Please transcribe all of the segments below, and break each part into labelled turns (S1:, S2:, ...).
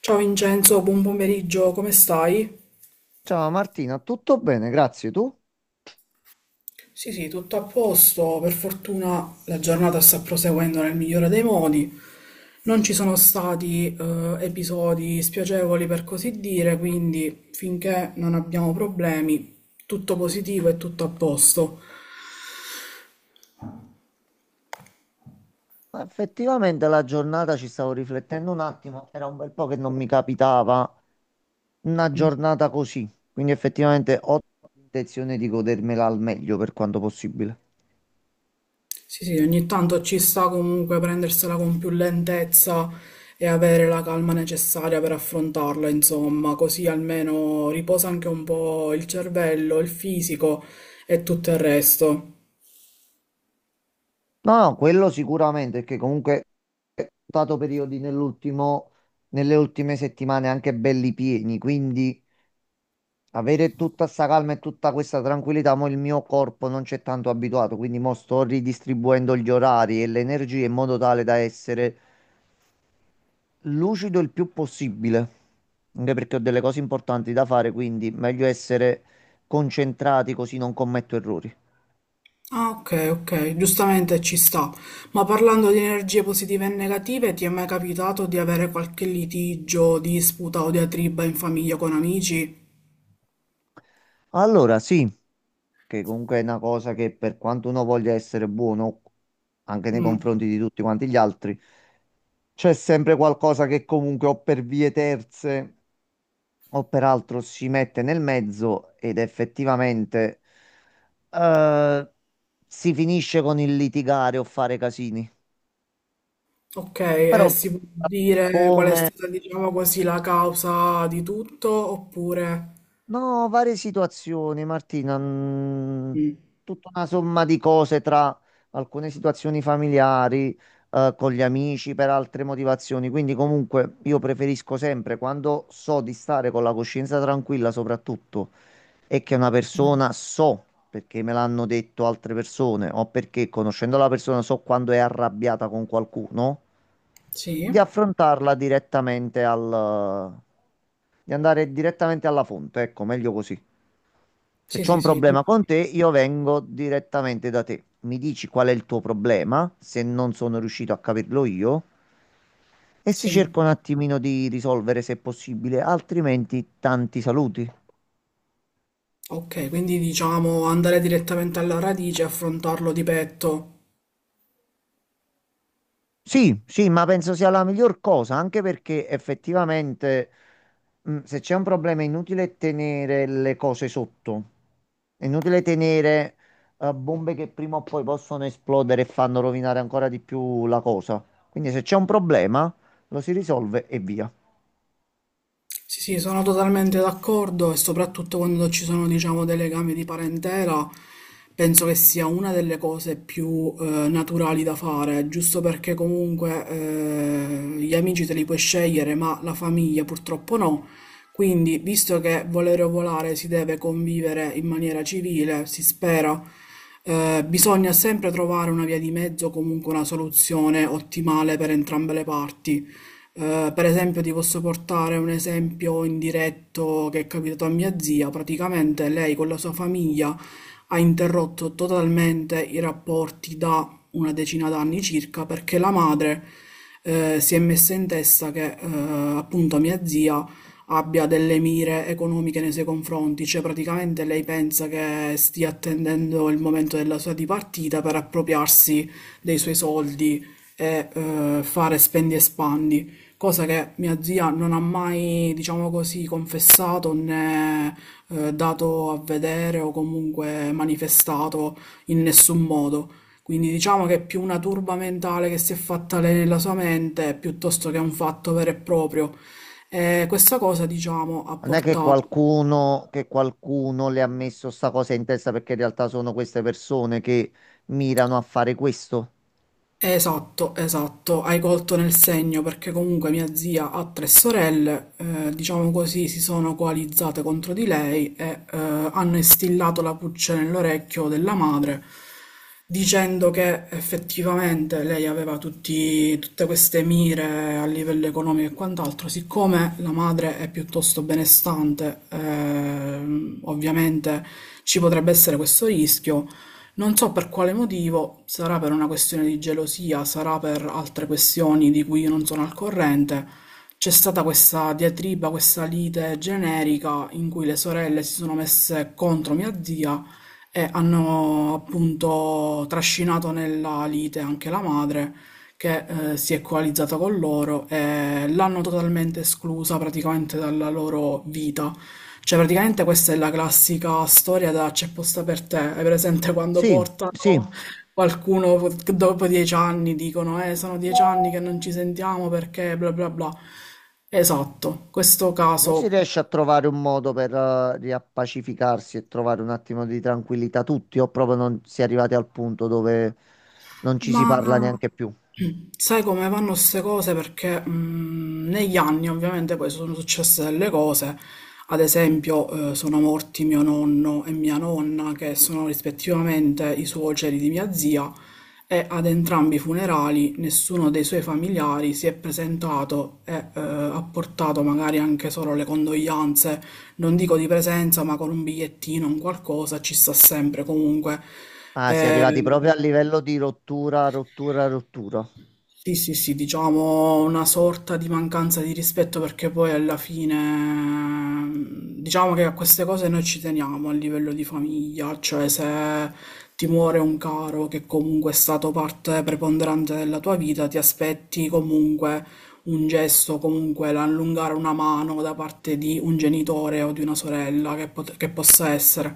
S1: Ciao Vincenzo, buon pomeriggio, come stai?
S2: Ciao Martina, tutto bene, grazie. Tu?
S1: Sì, sì, tutto a posto. Per fortuna la giornata sta proseguendo nel migliore dei modi. Non ci sono stati episodi spiacevoli per così dire, quindi finché non abbiamo problemi, tutto positivo e tutto a posto.
S2: Ma effettivamente la giornata, ci stavo riflettendo un attimo, era un bel po' che non mi capitava una giornata così, quindi effettivamente ho l'intenzione di godermela al meglio per quanto possibile.
S1: Sì, sì, ogni tanto ci sta comunque prendersela con più lentezza e avere la calma necessaria per affrontarla, insomma, così almeno riposa anche un po' il cervello, il fisico e tutto il resto.
S2: No, no, quello sicuramente, perché comunque ho stato periodi nelle ultime settimane anche belli pieni, quindi avere tutta sta calma e tutta questa tranquillità, ma il mio corpo non c'è tanto abituato, quindi mo sto ridistribuendo gli orari e le energie in modo tale da essere lucido il più possibile, anche perché ho delle cose importanti da fare, quindi meglio essere concentrati così non commetto errori.
S1: Ah, ok, ok, giustamente ci sta. Ma parlando di energie positive e negative, ti è mai capitato di avere qualche litigio, disputa o diatriba in famiglia con amici?
S2: Allora, sì, che comunque è una cosa che, per quanto uno voglia essere buono, anche nei
S1: Mm.
S2: confronti di tutti quanti gli altri, c'è sempre qualcosa che comunque o per vie terze o peraltro si mette nel mezzo ed effettivamente eh, si finisce con il litigare o fare casini.
S1: Ok, e
S2: Però
S1: si può dire qual è
S2: come
S1: stata, diciamo così, la causa di tutto, oppure...
S2: No, varie situazioni, Martina.
S1: Mm.
S2: Tutta una somma di cose tra alcune situazioni familiari, con gli amici, per altre motivazioni. Quindi, comunque, io preferisco sempre, quando so di stare con la coscienza tranquilla soprattutto, e che una persona so, perché me l'hanno detto altre persone, o perché conoscendo la persona so quando è arrabbiata con qualcuno,
S1: Sì,
S2: di di andare direttamente alla fonte. Ecco, meglio così. Se
S1: sì,
S2: c'ho un
S1: sì, sì,
S2: problema con te, io vengo direttamente da te. Mi dici qual è il tuo problema, se non sono riuscito a capirlo io, e si
S1: sì.
S2: cerca un attimino di risolvere se possibile, altrimenti tanti saluti.
S1: Ok, quindi diciamo andare direttamente alla radice e affrontarlo di petto.
S2: Sì, sì, ma penso sia la miglior cosa, anche perché effettivamente se c'è un problema è inutile tenere le cose sotto, è inutile tenere bombe che prima o poi possono esplodere e fanno rovinare ancora di più la cosa. Quindi se c'è un problema lo si risolve e via.
S1: Sì, sì, sono totalmente d'accordo e soprattutto quando ci sono, diciamo, dei legami di parentela, penso che sia una delle cose più naturali da fare, giusto perché comunque gli amici te li puoi scegliere, ma la famiglia purtroppo no. Quindi, visto che volere o volare si deve convivere in maniera civile, si spera, bisogna sempre trovare una via di mezzo, comunque una soluzione ottimale per entrambe le parti. Per esempio, ti posso portare un esempio indiretto che è capitato a mia zia. Praticamente lei con la sua famiglia ha interrotto totalmente i rapporti da una decina d'anni circa perché la madre si è messa in testa che appunto mia zia abbia delle mire economiche nei suoi confronti, cioè praticamente lei pensa che stia attendendo il momento della sua dipartita per appropriarsi dei suoi soldi e fare spendi e spandi, cosa che mia zia non ha mai, diciamo così, confessato né dato a vedere o comunque manifestato in nessun modo. Quindi diciamo che è più una turba mentale che si è fatta lei nella sua mente piuttosto che un fatto vero e proprio. E questa cosa, diciamo, ha
S2: Non è che
S1: portato.
S2: qualcuno, che qualcuno le ha messo sta cosa in testa, perché in realtà sono queste persone che mirano a fare questo.
S1: Esatto, esatto, hai colto nel segno perché comunque mia zia ha tre sorelle, diciamo così, si sono coalizzate contro di lei e hanno instillato la puccia nell'orecchio della madre dicendo che effettivamente lei aveva tutte queste mire a livello economico e quant'altro, siccome la madre è piuttosto benestante, ovviamente ci potrebbe essere questo rischio. Non so per quale motivo, sarà per una questione di gelosia, sarà per altre questioni di cui io non sono al corrente, c'è stata questa diatriba, questa lite generica in cui le sorelle si sono messe contro mia zia e hanno appunto trascinato nella lite anche la madre che si è coalizzata con loro e l'hanno totalmente esclusa praticamente dalla loro vita. Cioè, praticamente questa è la classica storia da c'è posta per te. Hai presente quando
S2: Sì, sì.
S1: portano che dopo dieci anni dicono, sono 10 anni che non ci sentiamo perché bla bla bla. Esatto, questo
S2: Non si
S1: caso.
S2: riesce a trovare un modo per riappacificarsi e trovare un attimo di tranquillità tutti, o proprio non si è arrivati al punto dove non ci
S1: Ma
S2: si parla neanche più?
S1: sai come vanno queste cose? Perché negli anni ovviamente poi sono successe delle cose, ad esempio sono morti mio nonno e mia nonna, che sono rispettivamente i suoceri di mia zia, e ad entrambi i funerali nessuno dei suoi familiari si è presentato e ha portato magari anche solo le condoglianze, non dico di presenza, ma con un bigliettino, un qualcosa, ci sta sempre comunque.
S2: Ah, si è
S1: Eh,
S2: arrivati proprio a livello di rottura, rottura, rottura.
S1: sì, sì, sì, diciamo una sorta di mancanza di rispetto perché poi alla fine diciamo che a queste cose noi ci teniamo a livello di famiglia, cioè se ti muore un caro che comunque è stato parte preponderante della tua vita, ti aspetti comunque un gesto, comunque l'allungare una mano da parte di un genitore o di una sorella che, che possa essere.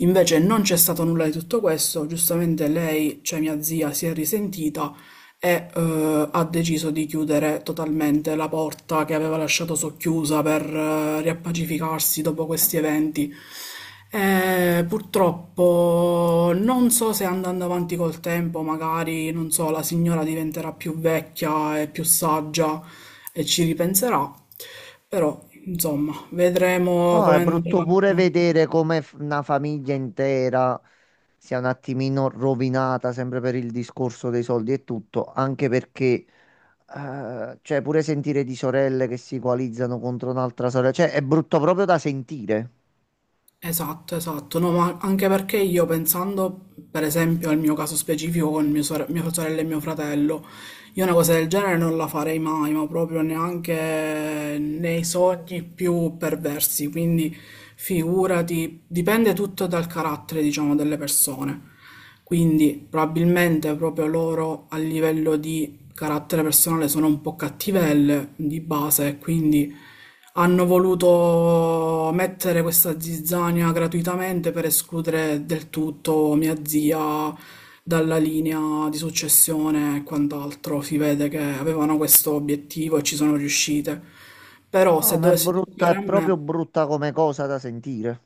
S1: Invece non c'è stato nulla di tutto questo, giustamente lei, cioè mia zia, si è risentita e ha deciso di chiudere totalmente la porta che aveva lasciato socchiusa per riappacificarsi dopo questi eventi. Purtroppo non so se andando avanti col tempo, magari, non so, la signora diventerà più vecchia e più saggia e ci ripenserà, però insomma, vedremo
S2: No,
S1: come
S2: è
S1: andrà.
S2: brutto pure vedere come una famiglia intera sia un attimino rovinata, sempre per il discorso dei soldi e tutto, anche perché, cioè, pure sentire di sorelle che si coalizzano contro un'altra sorella, cioè, è brutto proprio da sentire.
S1: Esatto, esatto, no, ma anche perché io pensando per esempio al mio caso specifico con mia sorella e mio fratello, io una cosa del genere non la farei mai, ma proprio neanche nei sogni più perversi, quindi figurati, dipende tutto dal carattere, diciamo, delle persone. Quindi probabilmente proprio loro a livello di carattere personale sono un po' cattivelle di base e quindi hanno voluto mettere questa zizzania gratuitamente per escludere del tutto mia zia dalla linea di successione e quant'altro. Si vede che avevano questo obiettivo e ci sono riuscite. Però
S2: No,
S1: se
S2: ma è
S1: dovesse
S2: brutta,
S1: toccare
S2: è
S1: a
S2: proprio
S1: me,
S2: brutta come cosa da sentire.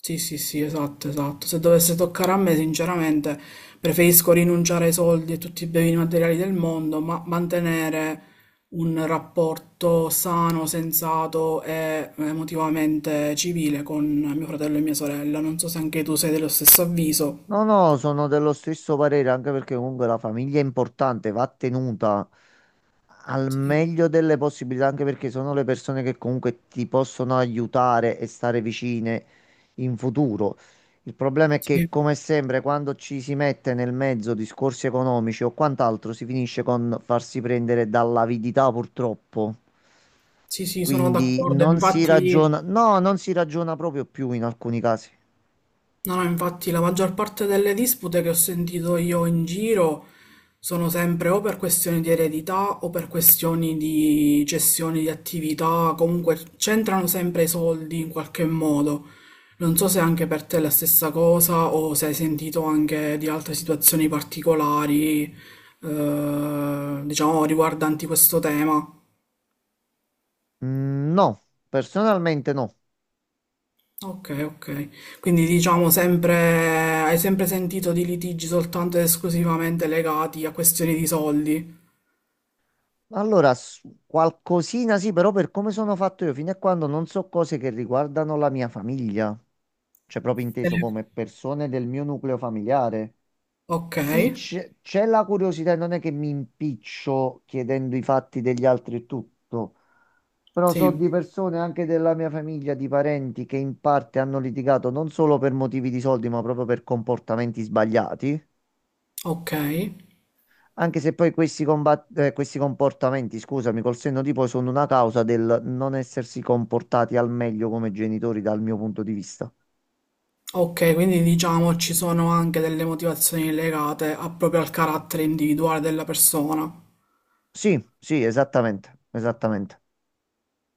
S1: sì, sì, sì, esatto, esatto. Se dovesse toccare a me, sinceramente, preferisco rinunciare ai soldi e tutti i beni materiali del mondo, ma mantenere un rapporto sano, sensato e emotivamente civile con mio fratello e mia sorella. Non so se anche tu sei dello stesso avviso.
S2: No, no, sono dello stesso parere, anche perché comunque la famiglia è importante, va tenuta al
S1: Sì,
S2: meglio delle possibilità, anche perché sono le persone che comunque ti possono aiutare e stare vicine in futuro. Il problema è che,
S1: sì,
S2: come sempre, quando ci si mette nel mezzo discorsi economici o quant'altro, si finisce con farsi prendere dall'avidità, purtroppo.
S1: sì, sì, sono
S2: Quindi
S1: d'accordo.
S2: non si
S1: Infatti.
S2: ragiona, no, non si ragiona proprio più in alcuni casi.
S1: No, no, infatti la maggior parte delle dispute che ho sentito io in giro sono sempre o per questioni di eredità o per questioni di cessioni di attività, comunque c'entrano sempre i soldi in qualche modo. Non so se anche per te è la stessa cosa o se hai sentito anche di altre situazioni particolari, diciamo, riguardanti questo tema.
S2: Mm, no, personalmente no.
S1: Ok, ok. Quindi diciamo sempre, hai sempre sentito di litigi soltanto ed esclusivamente legati a questioni di soldi.
S2: Allora, qualcosina sì, però per come sono fatto io, fino a quando non so cose che riguardano la mia famiglia, cioè proprio inteso come persone del mio nucleo familiare.
S1: Ok,
S2: Sì, c'è la curiosità, e non è che mi impiccio chiedendo i fatti degli altri e tutto. Però so
S1: sì,
S2: di persone anche della mia famiglia, di parenti che in parte hanno litigato non solo per motivi di soldi, ma proprio per comportamenti sbagliati.
S1: ok.
S2: Anche se poi questi, questi comportamenti, scusami, col senno di poi sono una causa del non essersi comportati al meglio come genitori dal mio punto di vista.
S1: Ok, quindi diciamo ci sono anche delle motivazioni legate proprio al carattere individuale della persona.
S2: Sì, sì, esattamente, esattamente.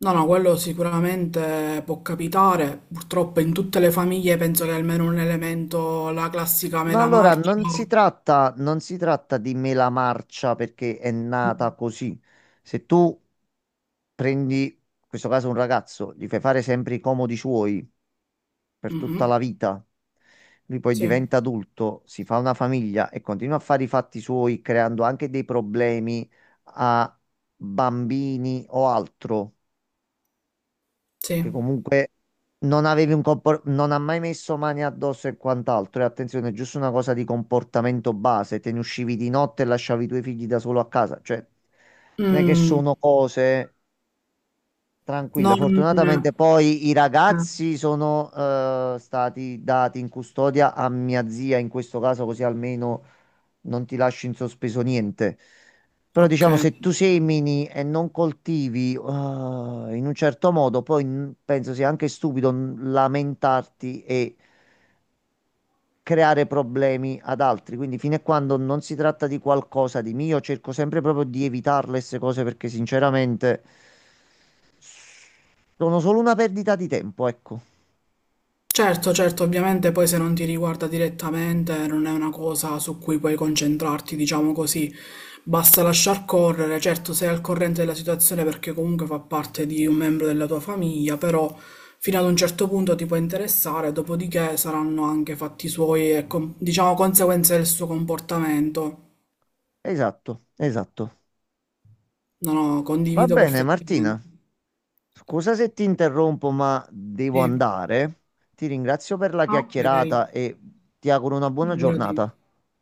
S1: No, no, quello sicuramente può capitare. Purtroppo in tutte le famiglie penso che almeno un elemento, la classica
S2: No,
S1: mela marcia.
S2: non si tratta di mela marcia perché è nata così. Se tu prendi, in questo caso, un ragazzo, gli fai fare sempre i comodi suoi per tutta
S1: Mhm.
S2: la vita. Lui poi
S1: Sì,
S2: diventa adulto, si fa una famiglia e continua a fare i fatti suoi, creando anche dei problemi a bambini o altro, che
S1: sì.
S2: comunque non avevi un compor- non ha mai messo mani addosso e quant'altro. E attenzione, è giusto una cosa di comportamento base, te ne uscivi di notte e lasciavi i tuoi figli da solo a casa, cioè non è che
S1: Mm.
S2: sono cose... Tranquilla,
S1: Non...
S2: fortunatamente poi i
S1: eh,
S2: ragazzi sono stati dati in custodia a mia zia in questo caso, così almeno non ti lascio in sospeso niente. Però
S1: ok.
S2: diciamo, se tu semini e non coltivi in un certo modo, poi penso sia anche stupido lamentarti e creare problemi ad altri. Quindi fino a quando non si tratta di qualcosa di mio, cerco sempre proprio di evitare queste cose perché sinceramente sono solo una perdita di tempo, ecco.
S1: Certo, certo, ovviamente poi se non ti riguarda direttamente non è una cosa su cui puoi concentrarti, diciamo così. Basta lasciar correre, certo sei al corrente della situazione perché comunque fa parte di un membro della tua famiglia, però fino ad un certo punto ti può interessare, dopodiché saranno anche fatti suoi e diciamo conseguenze del suo comportamento.
S2: Esatto, esatto.
S1: No, no,
S2: Va
S1: condivido
S2: bene, Martina.
S1: perfettamente.
S2: Scusa se ti interrompo, ma devo
S1: Sì.
S2: andare. Ti ringrazio per la
S1: Ah, ok,
S2: chiacchierata e ti auguro una buona
S1: figurati.
S2: giornata.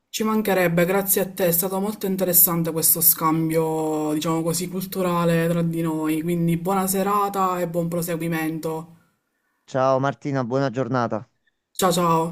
S1: Ci mancherebbe, grazie a te, è stato molto interessante questo scambio, diciamo così, culturale tra di noi, quindi buona serata e buon proseguimento.
S2: Ciao Martina, buona giornata.
S1: Ciao ciao.